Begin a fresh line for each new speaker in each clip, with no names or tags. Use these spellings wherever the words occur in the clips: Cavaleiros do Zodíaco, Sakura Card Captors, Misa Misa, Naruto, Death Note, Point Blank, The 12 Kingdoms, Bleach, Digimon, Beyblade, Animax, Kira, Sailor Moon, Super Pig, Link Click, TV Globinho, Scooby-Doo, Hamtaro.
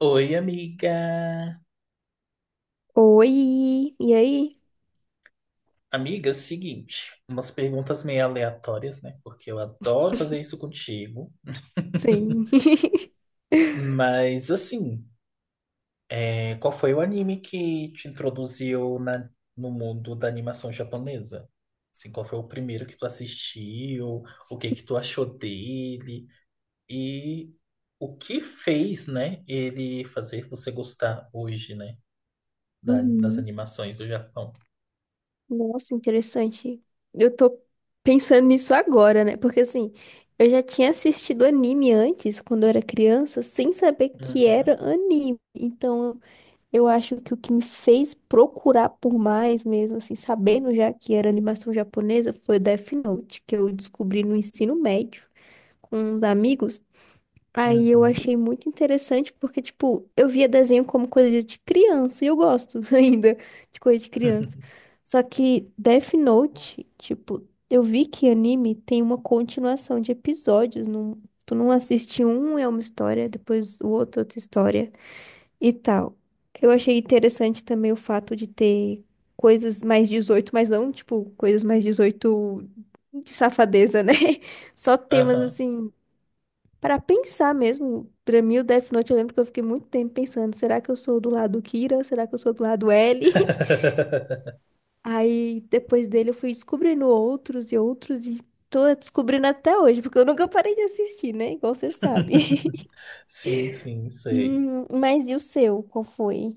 Oi, amiga.
Oi, e aí?
Amiga, é o seguinte, umas perguntas meio aleatórias, né? Porque eu adoro fazer isso contigo.
Sim.
Mas, assim, é, qual foi o anime que te introduziu no mundo da animação japonesa? Assim, qual foi o primeiro que tu assistiu? O que que tu achou dele? E o que fez, né, ele fazer você gostar hoje, né, das
Uhum.
animações do Japão?
Nossa, interessante. Eu tô pensando nisso agora, né? Porque assim, eu já tinha assistido anime antes, quando eu era criança, sem saber que
Uhum,
era anime. Então, eu acho que o que me fez procurar por mais mesmo, assim, sabendo já que era animação japonesa, foi Death Note, que eu descobri no ensino médio com uns amigos. Aí eu
uhum,
achei muito interessante porque, tipo, eu via desenho como coisa de criança e eu gosto ainda de coisa de criança. Só que Death Note, tipo, eu vi que anime tem uma continuação de episódios. Não, tu não assiste um, é uma história, depois o outro, outra história e tal. Eu achei interessante também o fato de ter coisas mais dezoito, mas não, tipo, coisas mais 18 de safadeza, né? Só temas
aham.
assim. Pra pensar mesmo, pra mim o Death Note, eu lembro que eu fiquei muito tempo pensando, será que eu sou do lado Kira? Será que eu sou do lado L? Aí depois dele eu fui descobrindo outros e outros e tô descobrindo até hoje, porque eu nunca parei de assistir, né? Igual você sabe.
Sim, sim, sei.
Mas e o seu? Qual foi?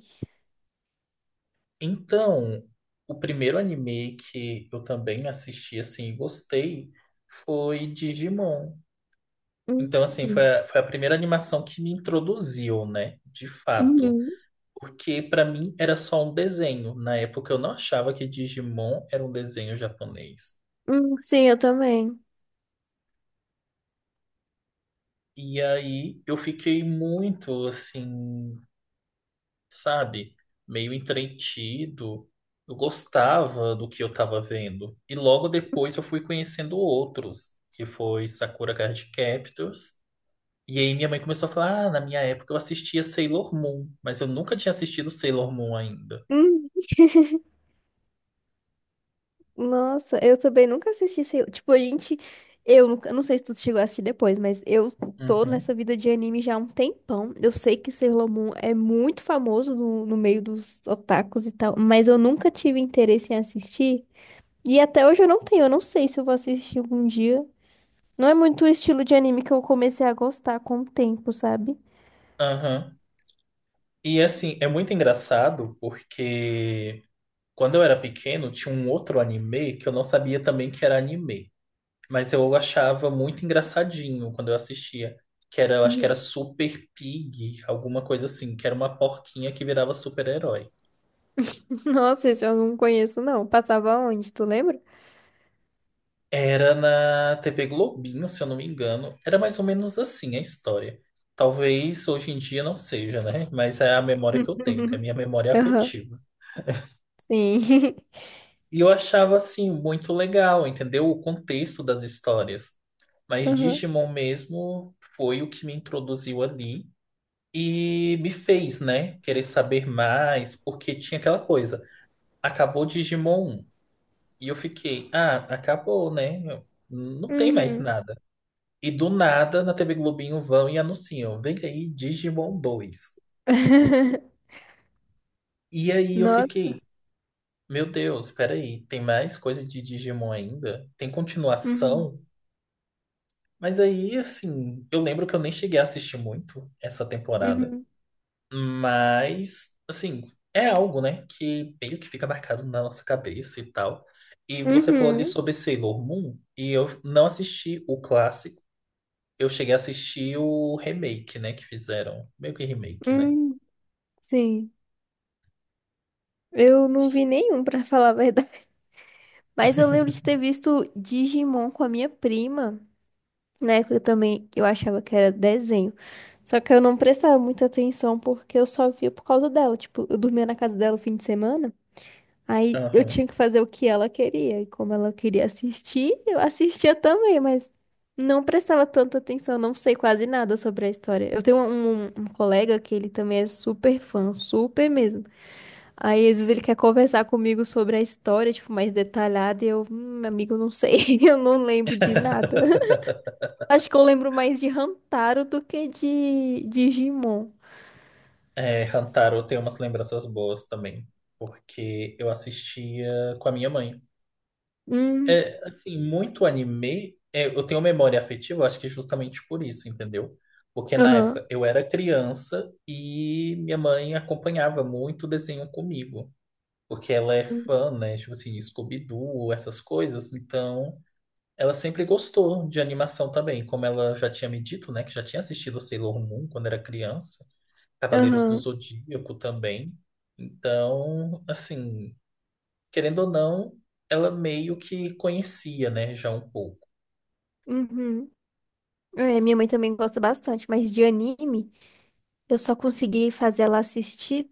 Então, o primeiro anime que eu também assisti assim e gostei foi Digimon.
Hum,
Então, assim, foi a primeira animação que me introduziu, né? De fato.
uhum,
Porque pra mim era só um desenho. Na época eu não achava que Digimon era um desenho japonês.
sim, eu também.
E aí eu fiquei muito assim, sabe? Meio entretido. Eu gostava do que eu estava vendo. E logo depois eu fui conhecendo outros, que foi Sakura Card Captors. E aí minha mãe começou a falar: Ah, na minha época eu assistia Sailor Moon, mas eu nunca tinha assistido Sailor Moon ainda.
Nossa, eu também nunca assisti, sei, tipo, a gente, eu nunca, não sei se tu chegou a assistir depois, mas eu tô nessa
Uhum.
vida de anime já há um tempão. Eu sei que Sailor Moon é muito famoso no, no meio dos otakus e tal, mas eu nunca tive interesse em assistir. E até hoje eu não tenho, eu não sei se eu vou assistir algum dia. Não é muito o estilo de anime que eu comecei a gostar com o tempo, sabe?
Aham. E assim, é muito engraçado porque quando eu era pequeno tinha um outro anime que eu não sabia também que era anime. Mas eu achava muito engraçadinho quando eu assistia. Que era, eu acho que era
Uhum.
Super Pig, alguma coisa assim, que era uma porquinha que virava super-herói.
Nossa, esse eu não conheço, não. Passava onde, tu lembra?
Era na TV Globinho, se eu não me engano. Era mais ou menos assim a história. Talvez hoje em dia não seja, né? Mas é a memória que eu tenho, então é a minha memória
Aham,
afetiva.
sim.
E eu achava, assim, muito legal, entendeu? O contexto das histórias. Mas
Aham.
Digimon mesmo foi o que me introduziu ali. E me fez, né, querer saber mais, porque tinha aquela coisa. Acabou Digimon 1. E eu fiquei, ah, acabou, né? Não tem mais
Uhum.
nada. E do nada, na TV Globinho vão e anunciam, vem aí Digimon dois. E aí eu fiquei,
Nossa.
meu Deus, peraí, tem mais coisa de Digimon ainda? Tem
Uhum.
continuação? Mas aí, assim, eu lembro que eu nem cheguei a assistir muito essa temporada.
Uhum.
Mas, assim, é algo, né, que meio que fica marcado na nossa cabeça e tal. E você falou ali
Uhum.
sobre Sailor Moon, e eu não assisti o clássico, eu cheguei a assistir o remake, né, que fizeram. Meio que remake, né?
Uhum. Sim. Eu não vi nenhum, pra falar a verdade. Mas eu lembro de ter visto Digimon com a minha prima. Na época também eu achava que era desenho. Só que eu não prestava muita atenção porque eu só via por causa dela. Tipo, eu dormia na casa dela o fim de semana. Aí eu
Aham.
tinha que fazer o que ela queria. E como ela queria assistir, eu assistia também, mas não prestava tanta atenção, não sei quase nada sobre a história. Eu tenho um colega que ele também é super fã, super mesmo. Aí às vezes ele quer conversar comigo sobre a história, tipo, mais detalhada, e eu, meu amigo, não sei, eu não lembro de nada. Acho que eu lembro mais de Hamtaro do que de Digimon.
É, Hantaro tem umas lembranças boas também, porque eu assistia com a minha mãe.
Hum,
É, assim, muito anime, é, eu tenho memória afetiva, acho que é justamente por isso, entendeu? Porque na
aham,
época eu era criança e minha mãe acompanhava muito desenho comigo, porque ela é
hum,
fã, né? Tipo assim, Scooby-Doo, essas coisas, então ela sempre gostou de animação também, como ela já tinha me dito, né? Que já tinha assistido Sailor Moon quando era criança, Cavaleiros do
aham,
Zodíaco também. Então, assim, querendo ou não, ela meio que conhecia, né, já um pouco.
uhum. É, minha mãe também gosta bastante, mas de anime, eu só consegui fazer ela assistir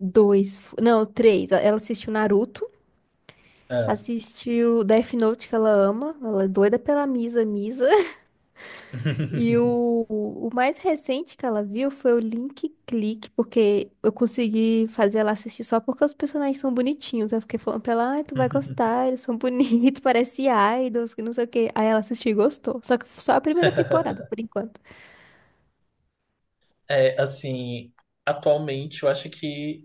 dois, não, três. Ela assistiu Naruto,
Ah.
assistiu Death Note, que ela ama, ela é doida pela Misa Misa. E o mais recente que ela viu foi o Link Click, porque eu consegui fazer ela assistir só porque os personagens são bonitinhos. Eu fiquei falando pra ela, ai, tu vai gostar, eles são bonitos, parece idols, que não sei o quê. Aí ela assistiu e gostou. Só que só a primeira temporada, por enquanto.
É, assim, atualmente eu acho que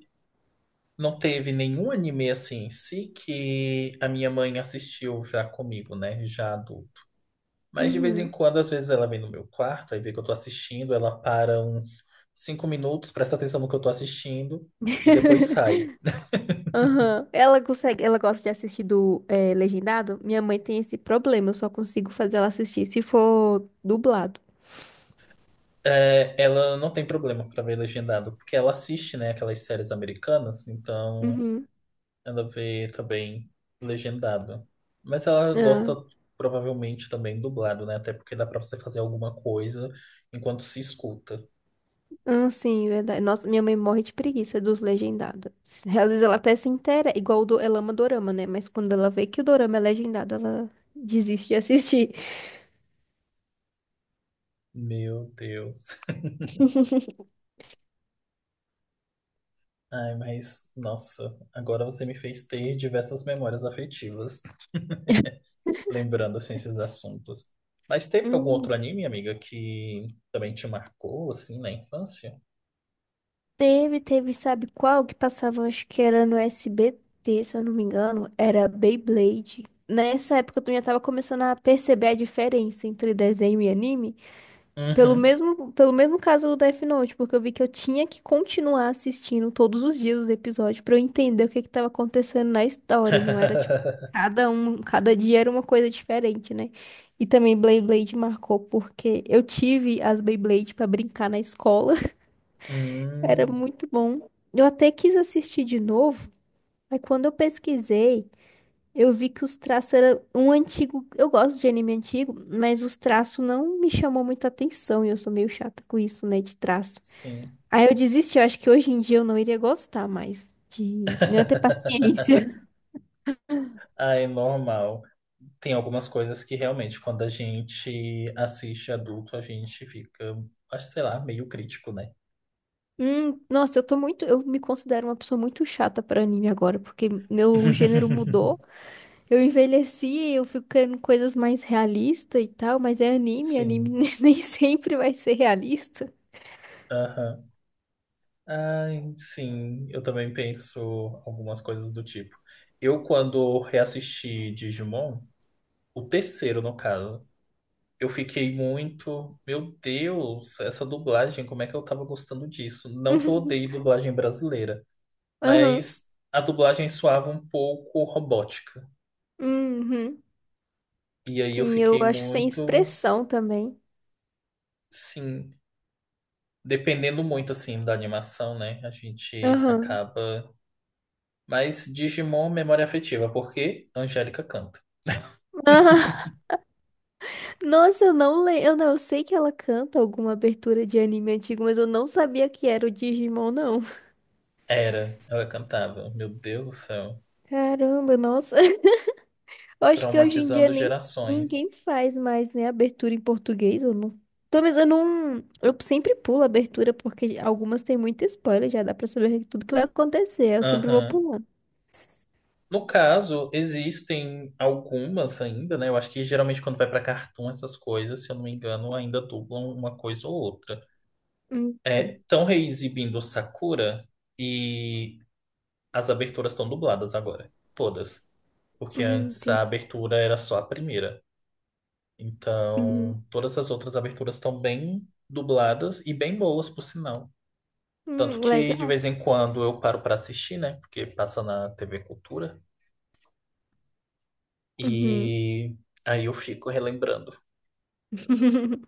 não teve nenhum anime assim em si que a minha mãe assistiu já comigo, né? Já adulto. Mas de vez em
Uhum.
quando, às vezes ela vem no meu quarto, aí vê que eu tô assistindo, ela para uns 5 minutos, presta atenção no que eu tô assistindo e depois sai.
Aham. Ela consegue, ela gosta de assistir do legendado? Minha mãe tem esse problema, eu só consigo fazer ela assistir se for dublado.
É, ela não tem problema pra ver legendado, porque ela assiste, né, aquelas séries americanas, então
Uhum.
ela vê também legendado. Mas ela gosta
Ah,
provavelmente também dublado, né? Até porque dá pra você fazer alguma coisa enquanto se escuta.
ah, sim, verdade. Nossa, minha mãe morre de preguiça dos legendados. Às vezes ela até se inteira, igual o do, ela ama dorama, né? Mas quando ela vê que o dorama é legendado, ela desiste de assistir.
Meu Deus. Ai, mas nossa, agora você me fez ter diversas memórias afetivas, lembrando assim, esses assuntos. Mas teve algum outro anime, amiga, que também te marcou assim na infância?
Teve, teve, sabe qual que passava? Acho que era no SBT, se eu não me engano. Era Beyblade. Nessa época eu também já tava começando a perceber a diferença entre desenho e anime. Pelo
Uhum.
mesmo, pelo mesmo caso do Death Note, porque eu vi que eu tinha que continuar assistindo todos os dias os episódios pra eu entender o que que tava acontecendo na história. Não era tipo, cada dia era uma coisa diferente, né? E também Beyblade marcou porque eu tive as Beyblade pra brincar na escola. Era
Hum,
muito bom. Eu até quis assistir de novo, mas quando eu pesquisei, eu vi que os traços eram um antigo. Eu gosto de anime antigo, mas os traços não me chamou muita atenção e eu sou meio chata com isso, né, de traço.
sim.
Aí eu desisti, eu acho que hoje em dia eu não iria gostar mais de não ter paciência.
Ah, é normal. Tem algumas coisas que realmente, quando a gente assiste adulto, a gente fica, acho, sei lá, meio crítico, né?
Nossa, eu tô muito, eu me considero uma pessoa muito chata para anime agora, porque meu gênero mudou. Eu envelheci, eu fico querendo coisas mais realistas e tal, mas é anime, anime
Sim.
nem sempre vai ser realista.
Aham. Ai, sim. Eu também penso algumas coisas do tipo. Eu, quando reassisti Digimon, o terceiro, no caso, eu fiquei muito. Meu Deus, essa dublagem, como é que eu tava gostando disso? Não que eu odeie dublagem brasileira.
Aham,
Mas a dublagem soava um pouco robótica.
uhum.
E aí eu
Sim, eu
fiquei
acho sem
muito,
expressão também.
sim, dependendo muito assim da animação, né? A gente
Aham.
acaba. Mas Digimon, memória afetiva, porque Angélica canta.
Aham. Nossa, eu não lembro. Eu, não, eu sei que ela canta alguma abertura de anime antigo, mas eu não sabia que era o Digimon, não.
Era, ela cantava. Meu Deus do céu.
Caramba, nossa. Eu acho que hoje em dia
Traumatizando
nem
gerações.
ninguém faz mais, né, abertura em português, eu não. Talvez eu não, eu sempre pulo a abertura porque algumas têm muito spoiler, já dá pra saber tudo que vai acontecer, eu sempre vou
Aham.
pulando.
No caso, existem algumas ainda, né? Eu acho que geralmente quando vai pra cartoon, essas coisas, se eu não me engano, ainda dublam uma coisa ou outra.
Hum,
É, estão reexibindo Sakura e as aberturas estão dubladas agora, todas. Porque antes a
tem-
abertura era só a primeira.
uhum,
Então, todas as outras aberturas estão bem dubladas e bem boas, por sinal. Tanto que de
legal.
vez em quando eu paro para assistir, né? Porque passa na TV Cultura.
Uhum.
E aí eu fico relembrando.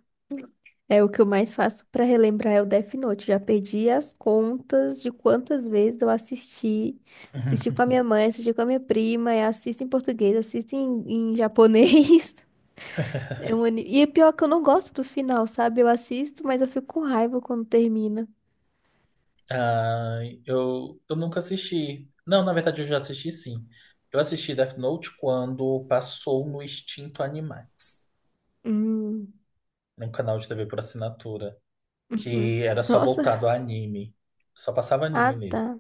É o que eu mais faço pra relembrar é o Death Note. Já perdi as contas de quantas vezes eu assisti. Assisti com a minha mãe, assisti com a minha prima, e assisto em português, assisto em japonês. É um anime. E é pior que eu não gosto do final, sabe? Eu assisto, mas eu fico com raiva quando termina.
Ah, eu nunca assisti. Não, na verdade eu já assisti sim. Eu assisti Death Note quando passou no Extinto Animax,
Hum,
num canal de TV por assinatura,
uhum,
que era só
nossa.
voltado a anime. Só passava
Ah,
anime nele.
tá.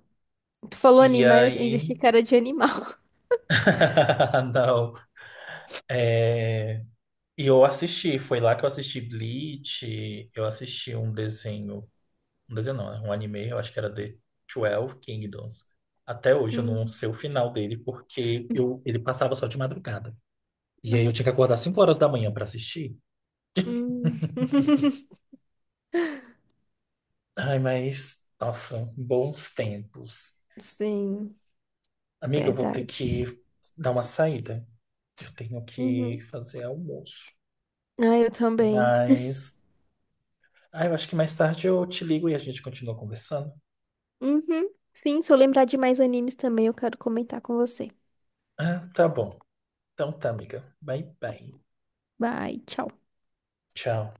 Tu falou
E
animais, ainda
aí.
achei cara de animal.
Não. É. E eu assisti, foi lá que eu assisti Bleach, eu assisti um desenho, um desenho não, né? Um anime, eu acho que era The 12 Kingdoms. Até hoje eu não
Hum,
sei o final dele, porque eu, ele passava só de madrugada. E aí eu tinha
nossa.
que acordar 5 horas da manhã pra assistir.
Hum.
Ai, mas, nossa, bons tempos.
Sim,
Amiga, eu vou ter que
verdade.
dar uma saída. Eu tenho que
Uhum,
fazer almoço.
ah, eu também.
Mas, ai, eu acho que mais tarde eu te ligo e a gente continua conversando.
Uhum. Sim, se eu lembrar de mais animes também, eu quero comentar com você.
Ah, tá bom. Então tá, amiga. Bye, bye.
Bye, tchau.
Tchau.